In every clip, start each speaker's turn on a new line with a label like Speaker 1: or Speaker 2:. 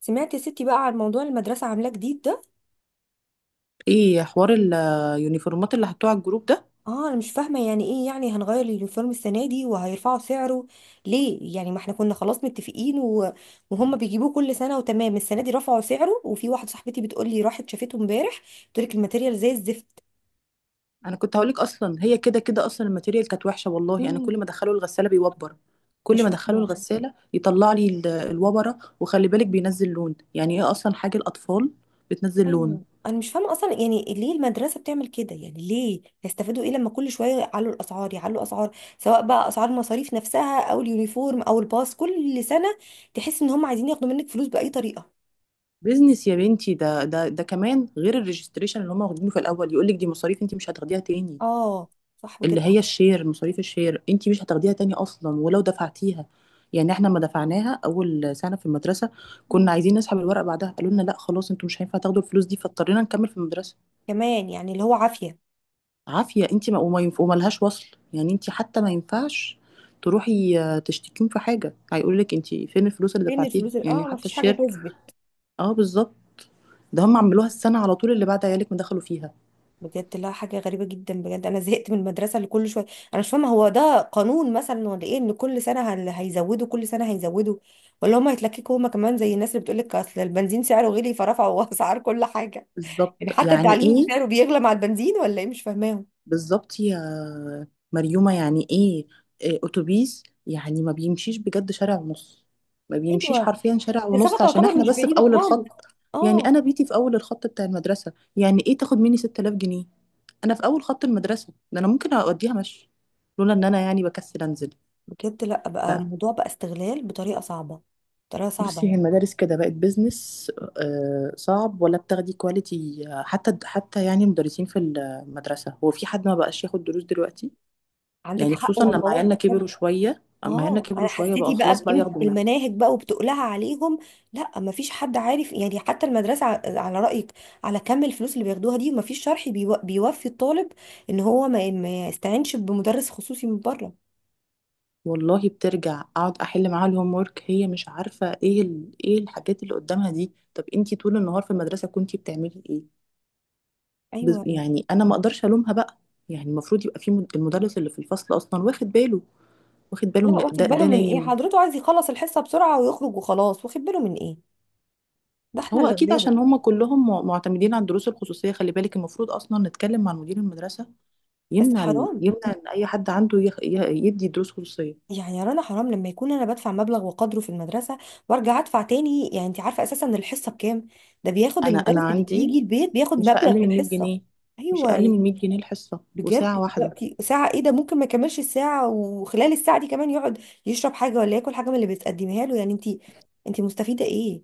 Speaker 1: سمعت يا ستي بقى عن موضوع المدرسة عاملاه جديد ده؟
Speaker 2: ايه حوار اليونيفورمات اللي حطوه على الجروب ده.
Speaker 1: اه انا مش فاهمة يعني ايه، يعني هنغير اليونيفورم السنة دي وهيرفعوا سعره؟ ليه يعني؟ ما احنا كنا خلاص متفقين. وهم بيجيبوه كل سنة وتمام، السنة دي رفعوا سعره وفي واحدة صاحبتي بتقول لي راحت شافته امبارح. بتقول لك الماتيريال زي الزفت.
Speaker 2: انا كنت هقولك اصلا هي كده كده اصلا الماتيريال كانت وحشه، والله انا
Speaker 1: مم.
Speaker 2: كل ما ادخله الغساله بيوبر. كل
Speaker 1: مش
Speaker 2: ما ادخله
Speaker 1: فاهمة.
Speaker 2: الغساله يطلع لي الوبره، وخلي بالك بينزل لون، يعني ايه اصلا حاجه الاطفال بتنزل لون.
Speaker 1: ايوه انا مش فاهمه اصلا، يعني ليه المدرسه بتعمل كده، يعني ليه يستفادوا ايه لما كل شويه يعلوا الاسعار، يعلوا اسعار سواء بقى اسعار المصاريف نفسها او اليونيفورم او الباص كل سنه. تحس ان هم عايزين ياخدوا منك فلوس باي طريقه.
Speaker 2: بيزنس يا بنتي، ده كمان غير الريجستريشن اللي هم واخدينه في الاول، يقولك دي مصاريف انت مش هتاخديها تاني،
Speaker 1: اه. صح
Speaker 2: اللي
Speaker 1: بجد.
Speaker 2: هي الشير، مصاريف الشير انت مش هتاخديها تاني اصلا ولو دفعتيها. يعني احنا ما دفعناها اول سنه في المدرسه،
Speaker 1: مم.
Speaker 2: كنا عايزين نسحب الورق بعدها قالوا لنا لا خلاص انتوا مش هينفع تاخدوا الفلوس دي، فاضطرينا نكمل في المدرسه.
Speaker 1: كمان يعني اللي هو عافيه.
Speaker 2: عافيه، انت ما وما ينف... وملهاش وصل. يعني انت حتى ما ينفعش تروحي آه، تشتكيهم في حاجه، هيقول لك انت فين الفلوس اللي
Speaker 1: فين
Speaker 2: دفعتيها،
Speaker 1: الفلوس
Speaker 2: يعني
Speaker 1: اه، ما
Speaker 2: حتى
Speaker 1: فيش حاجه
Speaker 2: الشير.
Speaker 1: تثبت.
Speaker 2: اه بالظبط. ده هم عملوها السنه على طول اللي بعد عيالك ما دخلوا فيها.
Speaker 1: بجد لا، حاجة غريبة جدا، بجد أنا زهقت من المدرسة اللي كل شوية. أنا مش فاهمة هو ده قانون مثلا ولا إيه، إن كل سنة هيزودوا، كل سنة هيزودوا؟ ولا هما هيتلككوا هما كمان زي الناس اللي بتقولك أصل البنزين سعره غلي فرفعوا أسعار كل حاجة.
Speaker 2: بالظبط،
Speaker 1: يعني حتى
Speaker 2: يعني
Speaker 1: التعليم
Speaker 2: ايه.
Speaker 1: سعره بيغلى مع البنزين ولا إيه؟ مش فاهماهم.
Speaker 2: بالظبط يا مريومة، يعني ايه إيه اتوبيس يعني ما بيمشيش بجد شارع ونص، ما بيمشيش
Speaker 1: أيوه.
Speaker 2: حرفيا شارع
Speaker 1: المسافة
Speaker 2: ونص عشان
Speaker 1: تعتبر
Speaker 2: احنا
Speaker 1: مش
Speaker 2: بس في
Speaker 1: بعيدة
Speaker 2: اول الخط.
Speaker 1: خالص.
Speaker 2: يعني
Speaker 1: أه.
Speaker 2: انا بيتي في اول الخط بتاع المدرسة، يعني ايه تاخد مني 6000 جنيه؟ انا في اول خط المدرسة ده، انا ممكن اوديها مشي لولا ان انا يعني بكسل انزل.
Speaker 1: بجد لا، بقى الموضوع بقى استغلال بطريقة صعبة. بطريقة صعبة
Speaker 2: فبصي هي
Speaker 1: يعني.
Speaker 2: المدارس كده بقت بيزنس. آه، صعب ولا بتاخدي كواليتي حتى يعني مدرسين في المدرسة، هو في حد ما بقاش ياخد دروس دلوقتي؟
Speaker 1: عندك
Speaker 2: يعني
Speaker 1: حق
Speaker 2: خصوصا لما
Speaker 1: والله.
Speaker 2: عيالنا كبروا شويه، اما عيالنا
Speaker 1: اه انا
Speaker 2: كبروا شويه بقى
Speaker 1: حسيتي بقى
Speaker 2: خلاص بقى
Speaker 1: بقيمه
Speaker 2: ياخدوا ماث.
Speaker 1: المناهج بقى وبتقلها عليهم. لا مفيش حد عارف يعني، حتى المدرسه على رايك، على كم الفلوس اللي بياخدوها دي، مفيش شرح بيوفي الطالب ان هو ما يستعينش بمدرس خصوصي من بره.
Speaker 2: والله بترجع اقعد احل معاها الهوم ورك، هي مش عارفه ايه ايه الحاجات اللي قدامها دي. طب انتي طول النهار في المدرسه كنتي بتعملي ايه؟
Speaker 1: ايوه يعني.
Speaker 2: يعني انا ما اقدرش الومها بقى. يعني المفروض يبقى في المدرس اللي في الفصل اصلا واخد باله، واخد باله
Speaker 1: لا،
Speaker 2: من
Speaker 1: واخد
Speaker 2: ده،
Speaker 1: باله
Speaker 2: ده
Speaker 1: من ايه؟
Speaker 2: نايم.
Speaker 1: حضرته عايز يخلص الحصه بسرعه ويخرج وخلاص، واخد باله من ايه؟ ده احنا
Speaker 2: هو
Speaker 1: اللي
Speaker 2: اكيد
Speaker 1: غلابه.
Speaker 2: عشان هم كلهم معتمدين على الدروس الخصوصيه. خلي بالك المفروض اصلا نتكلم مع مدير المدرسه
Speaker 1: بس
Speaker 2: يمنع
Speaker 1: حرام،
Speaker 2: يمنع ان اي حد عنده يدي دروس خصوصيه.
Speaker 1: يعني يا رنا حرام، لما يكون انا بدفع مبلغ وقدره في المدرسه وارجع ادفع تاني. يعني انت عارفه اساسا الحصه بكام؟ ده بياخد
Speaker 2: انا
Speaker 1: المدرس اللي
Speaker 2: عندي
Speaker 1: بيجي البيت، بياخد
Speaker 2: مش
Speaker 1: مبلغ
Speaker 2: اقل
Speaker 1: في
Speaker 2: من 100
Speaker 1: الحصه.
Speaker 2: جنيه مش
Speaker 1: ايوه
Speaker 2: اقل من
Speaker 1: يعني.
Speaker 2: 100 جنيه الحصه، وساعه
Speaker 1: بجد
Speaker 2: واحده.
Speaker 1: دلوقتي ساعه ايه؟ ده ممكن ما يكملش الساعه، وخلال الساعه دي كمان يقعد يشرب حاجه ولا ياكل حاجه من اللي بتقدمها له. يعني انت مستفيده ايه؟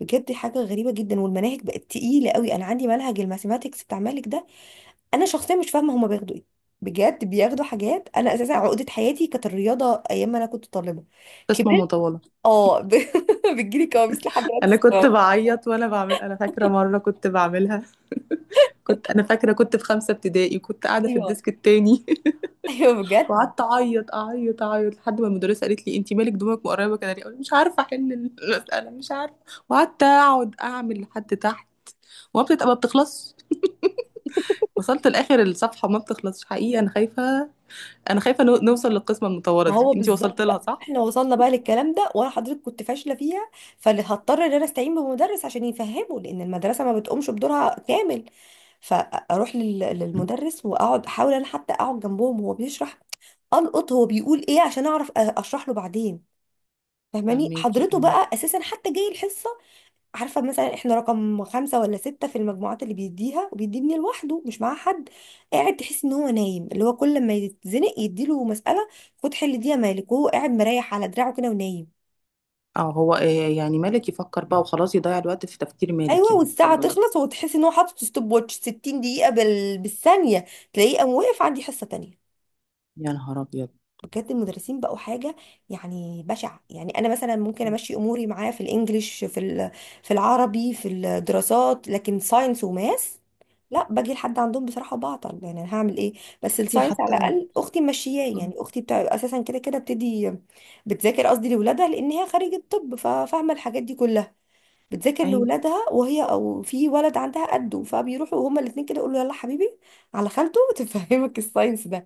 Speaker 1: بجد حاجه غريبه جدا. والمناهج بقت تقيله قوي، انا عندي منهج الماثيماتكس بتاع مالك ده. انا شخصيا مش فاهمه هما بياخدوا ايه. بجد بياخدوا حاجات، انا اساسا عقده حياتي كانت الرياضه ايام ما انا كنت طالبه.
Speaker 2: قسمه
Speaker 1: كبرت.
Speaker 2: مطوله.
Speaker 1: اه ب... بتجيلي كوابيس لحد دلوقتي.
Speaker 2: انا كنت
Speaker 1: الصراحة.
Speaker 2: بعيط وانا بعمل، انا فاكره مره كنت بعملها. كنت، انا فاكره كنت في خمسه ابتدائي، كنت قاعده في
Speaker 1: ايوه،
Speaker 2: الديسك التاني.
Speaker 1: ايوه بجد.
Speaker 2: وقعدت اعيط اعيط اعيط لحد ما المدرسه قالت لي انت مالك دموعك مقربه كده ليه، أقول مش عارفه احل المساله، مش عارفه. وقعدت اقعد اعمل لحد تحت، وما بتبقى ما بتخلصش. وصلت لاخر الصفحه ما بتخلصش. حقيقي انا خايفه، انا خايفه نوصل للقسمه المطوره
Speaker 1: ما
Speaker 2: دي،
Speaker 1: هو
Speaker 2: انتي وصلت
Speaker 1: بالظبط
Speaker 2: لها
Speaker 1: بقى
Speaker 2: صح؟
Speaker 1: احنا وصلنا بقى للكلام ده، وانا حضرتك كنت فاشله فيها، فهضطر ان انا استعين بمدرس عشان يفهمه، لان المدرسه ما بتقومش بدورها كامل. للمدرس، واقعد احاول انا حتى اقعد جنبهم وهو بيشرح القط هو بيقول ايه، عشان اعرف اشرح له بعدين. فاهماني
Speaker 2: فهميكي
Speaker 1: حضرته
Speaker 2: اه.
Speaker 1: بقى؟ اساسا حتى جاي الحصه عارفه مثلا احنا رقم خمسه ولا سته في المجموعات اللي بيديها، وبيديني لوحده مش معاه حد، قاعد تحس ان هو نايم، اللي هو كل ما يتزنق يديله مساله، خد حل دي يا مالك، وهو قاعد مريح على دراعه كده ونايم.
Speaker 2: اه هو إيه يعني مالك يفكر بقى وخلاص، يضيع الوقت في تفكير مالك
Speaker 1: ايوه
Speaker 2: يعني
Speaker 1: والساعه
Speaker 2: طبعا.
Speaker 1: تخلص، وتحس ان هو حاطط ستوب واتش 60 دقيقه بالثانيه، تلاقيه قام واقف عندي حصه تانية.
Speaker 2: يا نهار ابيض.
Speaker 1: بجد المدرسين بقوا حاجة يعني بشعة. يعني أنا مثلا ممكن أمشي أموري معاه في الإنجليش، في العربي، في الدراسات، لكن ساينس وماس لا، باجي لحد عندهم بصراحة بعطل، يعني أنا هعمل إيه؟ بس
Speaker 2: بصي
Speaker 1: الساينس على
Speaker 2: حتى.
Speaker 1: الأقل أختي ماشياه،
Speaker 2: م.
Speaker 1: يعني أختي بتاع أساسا كده كده بتدي بتذاكر، قصدي لولادها، لأن هي خريجة طب ففاهمة الحاجات دي كلها، بتذاكر
Speaker 2: ايوه،
Speaker 1: لولادها، وهي او في ولد عندها قده فبيروحوا هما الاثنين كده يقولوا له يلا حبيبي على خالته تفهمك الساينس ده.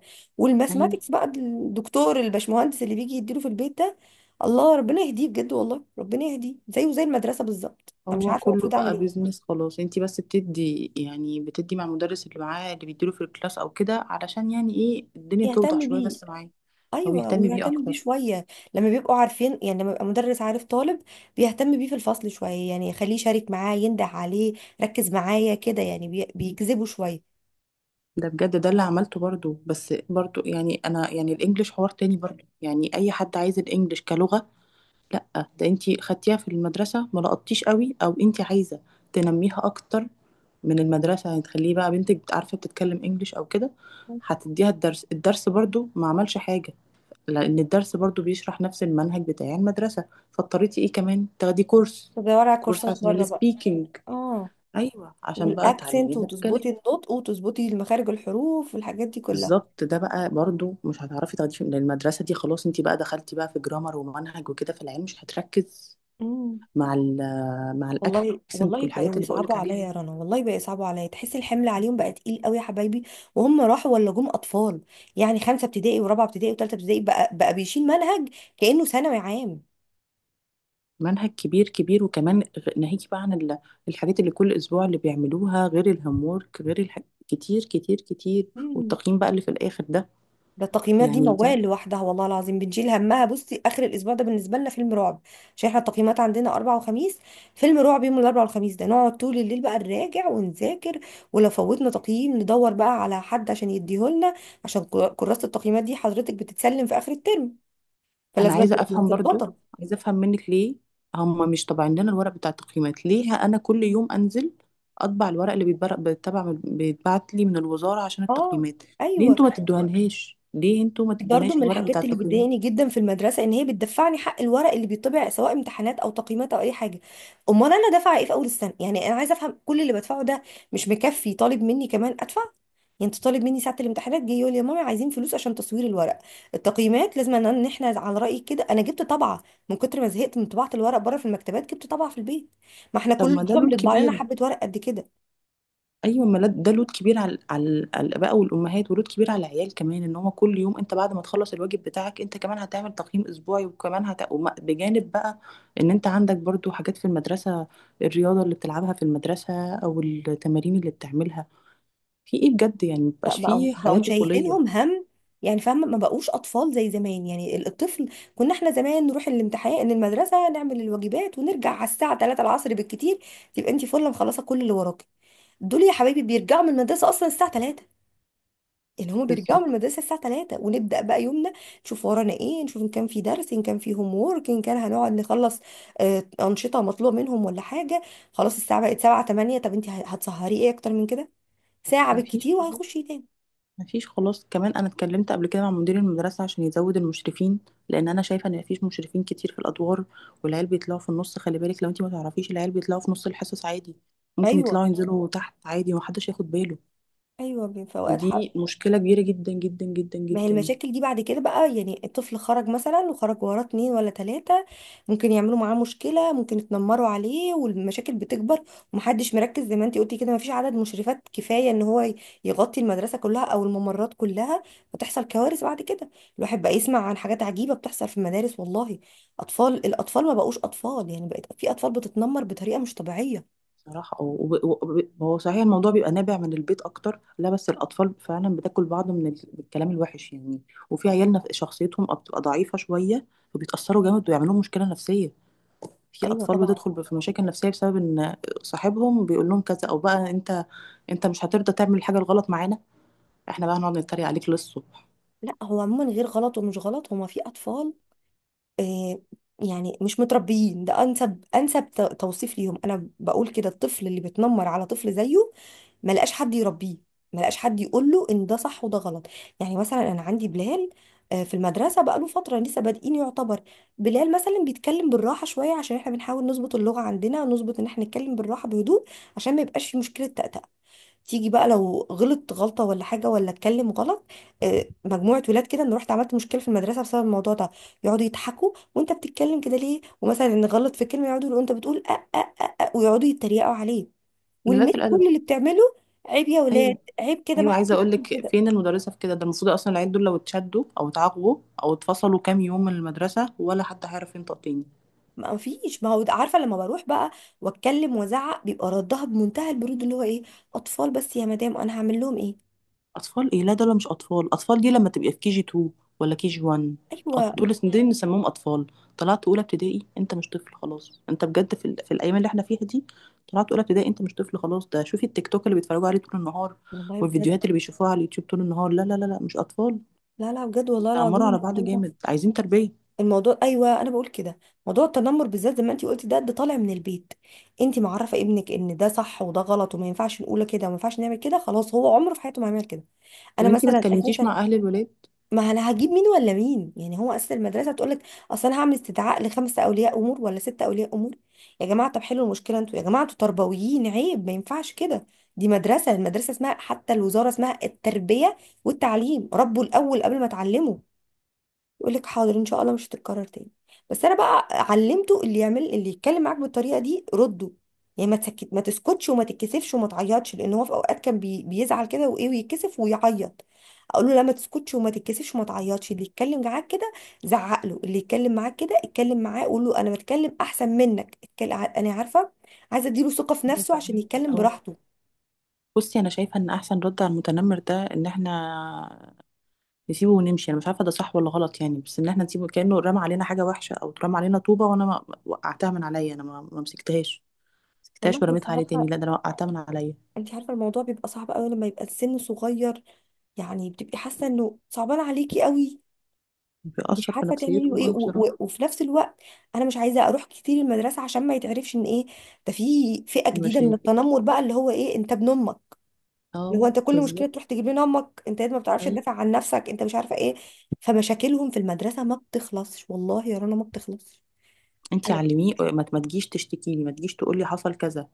Speaker 2: ايوه.
Speaker 1: والماثماتكس بقى، الدكتور الباشمهندس اللي بيجي يديله في البيت ده، الله ربنا يهديه، بجد والله ربنا يهديه، زيه زي المدرسه بالظبط. انا مش
Speaker 2: هو
Speaker 1: عارفه
Speaker 2: كله
Speaker 1: المفروض اعمل
Speaker 2: بقى
Speaker 1: ايه.
Speaker 2: بيزنس خلاص، انتي بس بتدي يعني بتدي مع المدرس اللي معاه اللي بيديله في الكلاس او كده علشان يعني ايه الدنيا توضح
Speaker 1: يهتم
Speaker 2: شويه
Speaker 1: بيه.
Speaker 2: بس معاه، او
Speaker 1: ايوه
Speaker 2: يهتم بيه
Speaker 1: ويهتم بيه
Speaker 2: اكتر.
Speaker 1: شويه، لما بيبقوا عارفين، يعني لما يبقى مدرس عارف طالب بيهتم بيه في الفصل شويه، يعني يخليه يشارك معاه، ينده عليه، ركز معايا كده، يعني بيجذبه شويه.
Speaker 2: ده بجد ده اللي عملته برضو. بس برضو يعني انا يعني الانجليش حوار تاني، برضو يعني اي حد عايز الانجليش كلغه، لا. ده انتي خدتيها في المدرسة ما لقطتيش قوي، او انتي عايزة تنميها اكتر من المدرسة يعني تخليه بقى بنتك عارفة بتتكلم انجليش او كده، هتديها الدرس، الدرس برضو ما عملش حاجة، لان الدرس برضو بيشرح نفس المنهج بتاع المدرسة. فاضطريتي ايه كمان تاخدي كورس،
Speaker 1: بدور على
Speaker 2: كورس
Speaker 1: كورسات
Speaker 2: عشان
Speaker 1: بره بقى.
Speaker 2: السبيكينج.
Speaker 1: اه.
Speaker 2: ايوه عشان بقى
Speaker 1: والاكسنت
Speaker 2: تعلميها تتكلم.
Speaker 1: وتظبطي النطق وتظبطي مخارج الحروف والحاجات دي كلها.
Speaker 2: بالظبط. ده بقى برضو مش هتعرفي تاخديه من المدرسة دي، خلاص انتي بقى دخلتي بقى في جرامر ومنهج وكده في العلم، مش هتركز
Speaker 1: امم
Speaker 2: مع مع
Speaker 1: والله،
Speaker 2: الاكسنت
Speaker 1: والله
Speaker 2: والحاجات
Speaker 1: بقوا
Speaker 2: اللي بقولك
Speaker 1: يصعبوا عليا
Speaker 2: عليها دي.
Speaker 1: يا رنا، والله بقى يصعبوا عليا، تحس الحمل عليهم بقى تقيل قوي يا حبايبي، وهم راحوا ولا جم اطفال. يعني خمسه ابتدائي، ورابعه ابتدائي، وثالثه ابتدائي بقى بيشيل منهج كانه ثانوي
Speaker 2: منهج كبير كبير، وكمان ناهيك بقى عن الحاجات اللي كل اسبوع اللي بيعملوها، غير الهوم وورك، غير الح... كتير كتير كتير.
Speaker 1: عام.
Speaker 2: والتقييم بقى اللي في الاخر ده،
Speaker 1: ده التقييمات دي
Speaker 2: يعني بجد.
Speaker 1: موال لوحدها، والله العظيم بنشيل همها. بصي اخر الاسبوع ده بالنسبه لنا فيلم رعب، عشان احنا التقييمات عندنا اربع وخميس، فيلم رعب يوم الاربع والخميس ده، نقعد طول الليل بقى نراجع ونذاكر، ولو فوتنا تقييم ندور بقى على حد عشان يديهولنا، عشان كراسه التقييمات دي حضرتك بتتسلم في اخر الترم،
Speaker 2: انا
Speaker 1: فلازم
Speaker 2: عايزه
Speaker 1: تبقى
Speaker 2: افهم برضو،
Speaker 1: متظبطه.
Speaker 2: عايزه افهم منك ليه هم مش طابعين لنا الورق بتاع التقييمات؟ ليه انا كل يوم انزل اطبع الورق اللي بيتبعت لي من الوزاره عشان
Speaker 1: اه.
Speaker 2: التقييمات؟ ليه
Speaker 1: ايوه
Speaker 2: انتوا ما تدوهالهاش، ليه انتوا ما
Speaker 1: برضو،
Speaker 2: تدوناش
Speaker 1: من
Speaker 2: الورق بتاع
Speaker 1: الحاجات اللي
Speaker 2: التقييمات؟
Speaker 1: بتضايقني جدا في المدرسه ان هي بتدفعني حق الورق اللي بيطبع، سواء امتحانات او تقييمات او اي حاجه. امال انا دافعه ايه في اول السنه؟ يعني انا عايزه افهم كل اللي بدفعه ده، مش مكفي طالب مني كمان ادفع؟ يعني انت طالب مني ساعه الامتحانات جاي يقول لي يا ماما عايزين فلوس عشان تصوير الورق؟ التقييمات لازم إن احنا، على رايك كده، انا جبت طبعه، من كتر ما زهقت من طباعه الورق بره في المكتبات جبت طبعه في البيت، ما احنا
Speaker 2: طب
Speaker 1: كل
Speaker 2: ما ده
Speaker 1: اسبوع
Speaker 2: لود
Speaker 1: بنطبع لنا
Speaker 2: كبير.
Speaker 1: حبه ورق قد كده.
Speaker 2: ايوه ما لد- ده لود كبير على على الاباء والامهات، ولود كبير على العيال كمان، ان هو كل يوم انت بعد ما تخلص الواجب بتاعك انت كمان هتعمل تقييم اسبوعي، وكمان بجانب بقى ان انت عندك برضو حاجات في المدرسه، الرياضه اللي بتلعبها في المدرسه او التمارين اللي بتعملها في ايه بجد، يعني
Speaker 1: لا،
Speaker 2: مبقاش
Speaker 1: بقوا
Speaker 2: فيه
Speaker 1: بقوا
Speaker 2: حياه طفوليه.
Speaker 1: مشيلينهم هم، يعني فاهمه، ما بقوش اطفال زي زمان. يعني الطفل، كنا احنا زمان نروح الامتحان المدرسه، نعمل الواجبات ونرجع على الساعه 3 العصر بالكتير، تبقى انت فله مخلصه كل اللي وراكي. دول يا حبايبي بيرجعوا من المدرسه اصلا الساعه 3، يعني هما بيرجعوا من
Speaker 2: بالظبط.
Speaker 1: المدرسه الساعه 3 ونبدا بقى يومنا، نشوف ورانا ايه، نشوف ان كان في درس، ان كان في هوم وورك، ان كان هنقعد نخلص انشطه مطلوبه منهم ولا حاجه. خلاص الساعه بقت 7 8، طب انت هتسهري ايه اكتر من كده؟ ساعه
Speaker 2: مفيش،
Speaker 1: بالكتير وهيخش تاني.
Speaker 2: مفيش خلاص. كمان انا اتكلمت قبل كده مع مدير المدرسه عشان يزود المشرفين، لان انا شايفه ان مفيش مشرفين كتير في الادوار، والعيال بيطلعوا في النص، خلي بالك لو انت ما تعرفيش، العيال بيطلعوا في نص الحصص عادي، ممكن
Speaker 1: ايوه،
Speaker 2: يطلعوا ينزلوا تحت عادي ومحدش ياخد باله.
Speaker 1: ايوه في اوقات حق.
Speaker 2: ودي مشكله كبيره جدا جدا جدا
Speaker 1: ما هي
Speaker 2: جدا.
Speaker 1: المشاكل دي بعد كده بقى، يعني الطفل خرج مثلا، وخرج وراه اتنين ولا تلاتة، ممكن يعملوا معاه مشكلة، ممكن يتنمروا عليه، والمشاكل بتكبر، ومحدش مركز زي ما انتي قلتي كده، مفيش عدد مشرفات كفاية ان هو يغطي المدرسة كلها او الممرات كلها، فتحصل كوارث بعد كده. الواحد بقى يسمع عن حاجات عجيبة بتحصل في المدارس والله، اطفال، الاطفال ما بقوش اطفال، يعني بقت في اطفال بتتنمر بطريقة مش طبيعية.
Speaker 2: صراحه هو صحيح الموضوع بيبقى نابع من البيت اكتر، لا بس الاطفال فعلا بتاكل بعض من من الكلام الوحش يعني. وفي عيالنا شخصيتهم بتبقى ضعيفه شويه، وبيتاثروا جامد ويعملوا مشكله نفسيه. في
Speaker 1: ايوه
Speaker 2: اطفال
Speaker 1: طبعا.
Speaker 2: بتدخل في مشاكل نفسيه بسبب ان صاحبهم بيقول لهم كذا، او بقى انت، انت مش هترضى تعمل الحاجه الغلط معانا، احنا بقى هنقعد نتريق عليك للصبح.
Speaker 1: لا هو عموما غير غلط ومش غلط، هما في اطفال آه، يعني مش متربيين، ده انسب انسب توصيف ليهم. انا بقول كده، الطفل اللي بيتنمر على طفل زيه ما لقاش حد يربيه، ما لقاش حد يقول له ان ده صح وده غلط. يعني مثلا انا عندي بلال، في المدرسه بقى له فتره لسه بادئين يعتبر. بلال مثلا بيتكلم بالراحه شويه، عشان احنا بنحاول نظبط اللغه عندنا، نظبط ان احنا نتكلم بالراحه بهدوء عشان ما يبقاش في مشكله تأتأة. تيجي بقى لو غلط غلطة ولا حاجة، ولا اتكلم غلط، مجموعة ولاد كده، انا رحت عملت مشكلة في المدرسة بسبب الموضوع ده، يقعدوا يضحكوا، وانت بتتكلم كده ليه؟ ومثلا نغلط في كلمة يقعدوا يقولوا انت بتقول أ أ أ أ، ويقعدوا يتريقوا عليه،
Speaker 2: قلة
Speaker 1: والمس
Speaker 2: الادب.
Speaker 1: كل اللي بتعمله عيب يا ولاد،
Speaker 2: ايوه،
Speaker 1: عيب كده، ما
Speaker 2: ايوه عايزه
Speaker 1: حدش
Speaker 2: اقول
Speaker 1: يعمل
Speaker 2: لك
Speaker 1: كده.
Speaker 2: فين المدرسه في كده، ده المفروض اصلا العيال دول لو اتشدوا او اتعاقبوا او اتفصلوا كام يوم من المدرسه ولا حد هيعرف ينطق تاني.
Speaker 1: ما فيش، ما هو عارفة لما بروح بقى واتكلم وازعق بيبقى ردها بمنتهى البرود اللي هو ايه، اطفال بس يا مدام، انا هعمل لهم ايه؟
Speaker 2: اطفال ايه؟ لا دول مش اطفال، اطفال دي لما تبقى في كي جي 2 ولا كي جي 1.
Speaker 1: ايوه
Speaker 2: دول نسميهم اطفال. طلعت اولى ابتدائي انت مش طفل خلاص، انت بجد في، في الايام اللي احنا فيها دي. طلعت اولى ابتدائي انت مش طفل خلاص، ده شوفي التيك توك اللي بيتفرجوا عليه طول النهار،
Speaker 1: والله بجد.
Speaker 2: والفيديوهات اللي بيشوفوها على اليوتيوب طول النهار، لا لا لا لا مش اطفال،
Speaker 1: لا لا بجد والله العظيم
Speaker 2: بيتنمروا على بعض
Speaker 1: الموضوع ده،
Speaker 2: جامد، عايزين تربيه.
Speaker 1: الموضوع، ايوه انا بقول كده، موضوع التنمر بالذات زي ما انت قلتي، ده طالع من البيت. انت معرفه ابنك ان ده صح وده غلط، وما ينفعش نقول كده، وما ينفعش نعمل كده، خلاص هو عمره في حياته ما هيعمل كده.
Speaker 2: طب
Speaker 1: انا
Speaker 2: انتي ما
Speaker 1: مثلا
Speaker 2: اتكلمتيش
Speaker 1: اساسا،
Speaker 2: مع اهل الولاد؟
Speaker 1: ما انا هجيب مين ولا مين؟ يعني هو اساسا المدرسه تقول لك اصل انا هعمل استدعاء لخمسه اولياء امور ولا سته اولياء امور؟ يا جماعه طب حلوا المشكله انتوا، يا جماعه انتوا تربويين، عيب، ما ينفعش كده، دي مدرسه، المدرسه اسمها حتى الوزاره اسمها التربيه والتعليم، ربوا الاول قبل ما تعلموا. يقول لك حاضر ان شاء الله مش هتتكرر تاني. بس انا بقى علمته، اللي يعمل اللي يتكلم معاك بالطريقه دي رده، يعني ما تسكت، ما تسكتش وما تتكسفش وما تعيطش، لان هو في اوقات كان بيزعل كده وايه ويتكسف ويعيط، اقول له لا ما تسكتش وما تتكسفش وما تعيطش، اللي يتكلم معاك كده زعق له، اللي يتكلم معاك كده اتكلم معاه، قول له انا بتكلم احسن منك، اتكلم انا عارفه، عايزه اديله ثقه في
Speaker 2: ايوه
Speaker 1: نفسه عشان
Speaker 2: فاهمكي
Speaker 1: يتكلم
Speaker 2: اه.
Speaker 1: براحته.
Speaker 2: بصي انا شايفه ان احسن رد على المتنمر ده ان احنا نسيبه ونمشي، انا مش عارفه ده صح ولا غلط يعني، بس ان احنا نسيبه كانه رمى علينا حاجه وحشه، او اترمى علينا طوبه وانا ما وقعتها من عليا، انا ما مسكتهاش، مسكتهاش
Speaker 1: والله بس
Speaker 2: ورميتها عليه تاني،
Speaker 1: عارفه،
Speaker 2: لا ده انا وقعتها من عليا.
Speaker 1: انت عارفه الموضوع بيبقى صعب قوي لما يبقى السن صغير، يعني بتبقي حاسه انه صعبان عليكي قوي، مش
Speaker 2: بيأثر في
Speaker 1: عارفه تعملي له
Speaker 2: نفسيتهم
Speaker 1: ايه،
Speaker 2: قوي
Speaker 1: و
Speaker 2: بصراحه.
Speaker 1: و وفي نفس الوقت انا مش عايزه اروح كتير المدرسه عشان ما يتعرفش ان ايه ده، في فئه جديده من
Speaker 2: المشاكل.
Speaker 1: التنمر بقى اللي هو ايه، انت ابن امك، اللي هو
Speaker 2: اه
Speaker 1: انت كل مشكله
Speaker 2: بالظبط.
Speaker 1: تروح تجيب لنا امك، انت ما بتعرفش
Speaker 2: ايوه
Speaker 1: تدافع عن نفسك، انت مش عارفه ايه، فمشاكلهم في المدرسه ما بتخلصش، والله يا رنا ما بتخلصش.
Speaker 2: انتي علميه ما تجيش تشتكي لي، ما تجيش تقول لي حصل كذا،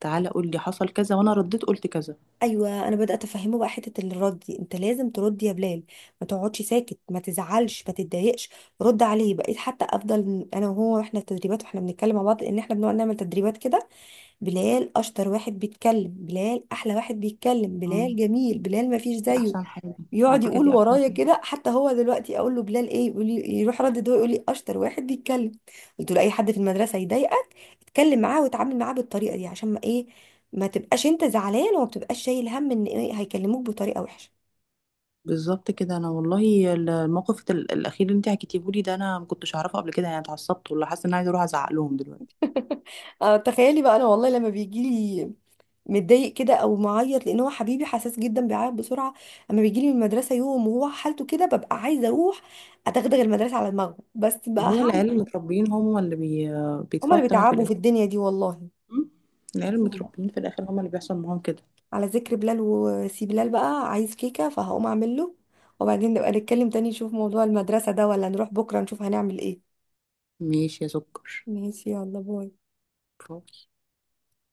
Speaker 2: تعالى قول لي حصل كذا وانا رديت قلت كذا.
Speaker 1: ايوه انا بدات افهمه بقى حته الرد دي، انت لازم ترد يا بلال، ما تقعدش ساكت، ما تزعلش، ما تتضايقش، رد عليه. بقيت حتى افضل انا وهو، واحنا في تدريبات، واحنا بنتكلم مع بعض، ان احنا بنقعد نعمل تدريبات كده، بلال اشطر واحد بيتكلم، بلال احلى واحد بيتكلم،
Speaker 2: آه،
Speaker 1: بلال جميل، بلال ما فيش
Speaker 2: دي
Speaker 1: زيه،
Speaker 2: احسن حاجه. على
Speaker 1: يقعد
Speaker 2: فكره
Speaker 1: يقول
Speaker 2: دي احسن
Speaker 1: ورايا
Speaker 2: حاجه.
Speaker 1: كده، حتى هو دلوقتي اقول له بلال ايه؟ يقول لي، يروح ردد، هو يقول لي اشطر واحد بيتكلم. قلت له اي حد في المدرسه يضايقك اتكلم معاه وتعامل معاه بالطريقه دي عشان ما ايه، ما تبقاش انت زعلان، وما تبقاش شايل هم ان إيه هيكلموك بطريقه وحشه.
Speaker 2: بالظبط كده. انا والله الموقف الاخير اللي انت حكيتيه لي ده انا ما كنتش اعرفه قبل كده، يعني اتعصبت ولا حاسه ان انا عايزه اروح ازعق لهم دلوقتي.
Speaker 1: اه تخيلي بقى، انا والله لما بيجي لي متضايق كده او معيط، لان هو حبيبي حساس جدا، بيعيط بسرعه، اما بيجي لي من المدرسه يوم وهو حالته كده ببقى عايزه اروح اتغدغ المدرسه على دماغه، بس بقى
Speaker 2: ما هو
Speaker 1: هعمل
Speaker 2: العيال
Speaker 1: ايه؟
Speaker 2: المتربيين هم
Speaker 1: هما
Speaker 2: بيدفعوا
Speaker 1: اللي
Speaker 2: الثمن في
Speaker 1: بيتعبوا
Speaker 2: الاخر.
Speaker 1: في الدنيا دي والله.
Speaker 2: م؟ العيال المتربيين في الاخر هم اللي بيحصل معاهم كده.
Speaker 1: على ذكر بلال وسي بلال بقى عايز كيكة، فهقوم اعمل له، وبعدين نبقى نتكلم تاني نشوف موضوع المدرسة ده، ولا نروح بكرة نشوف هنعمل ايه.
Speaker 2: ماشي يا سكر.
Speaker 1: ماشي يلا باي.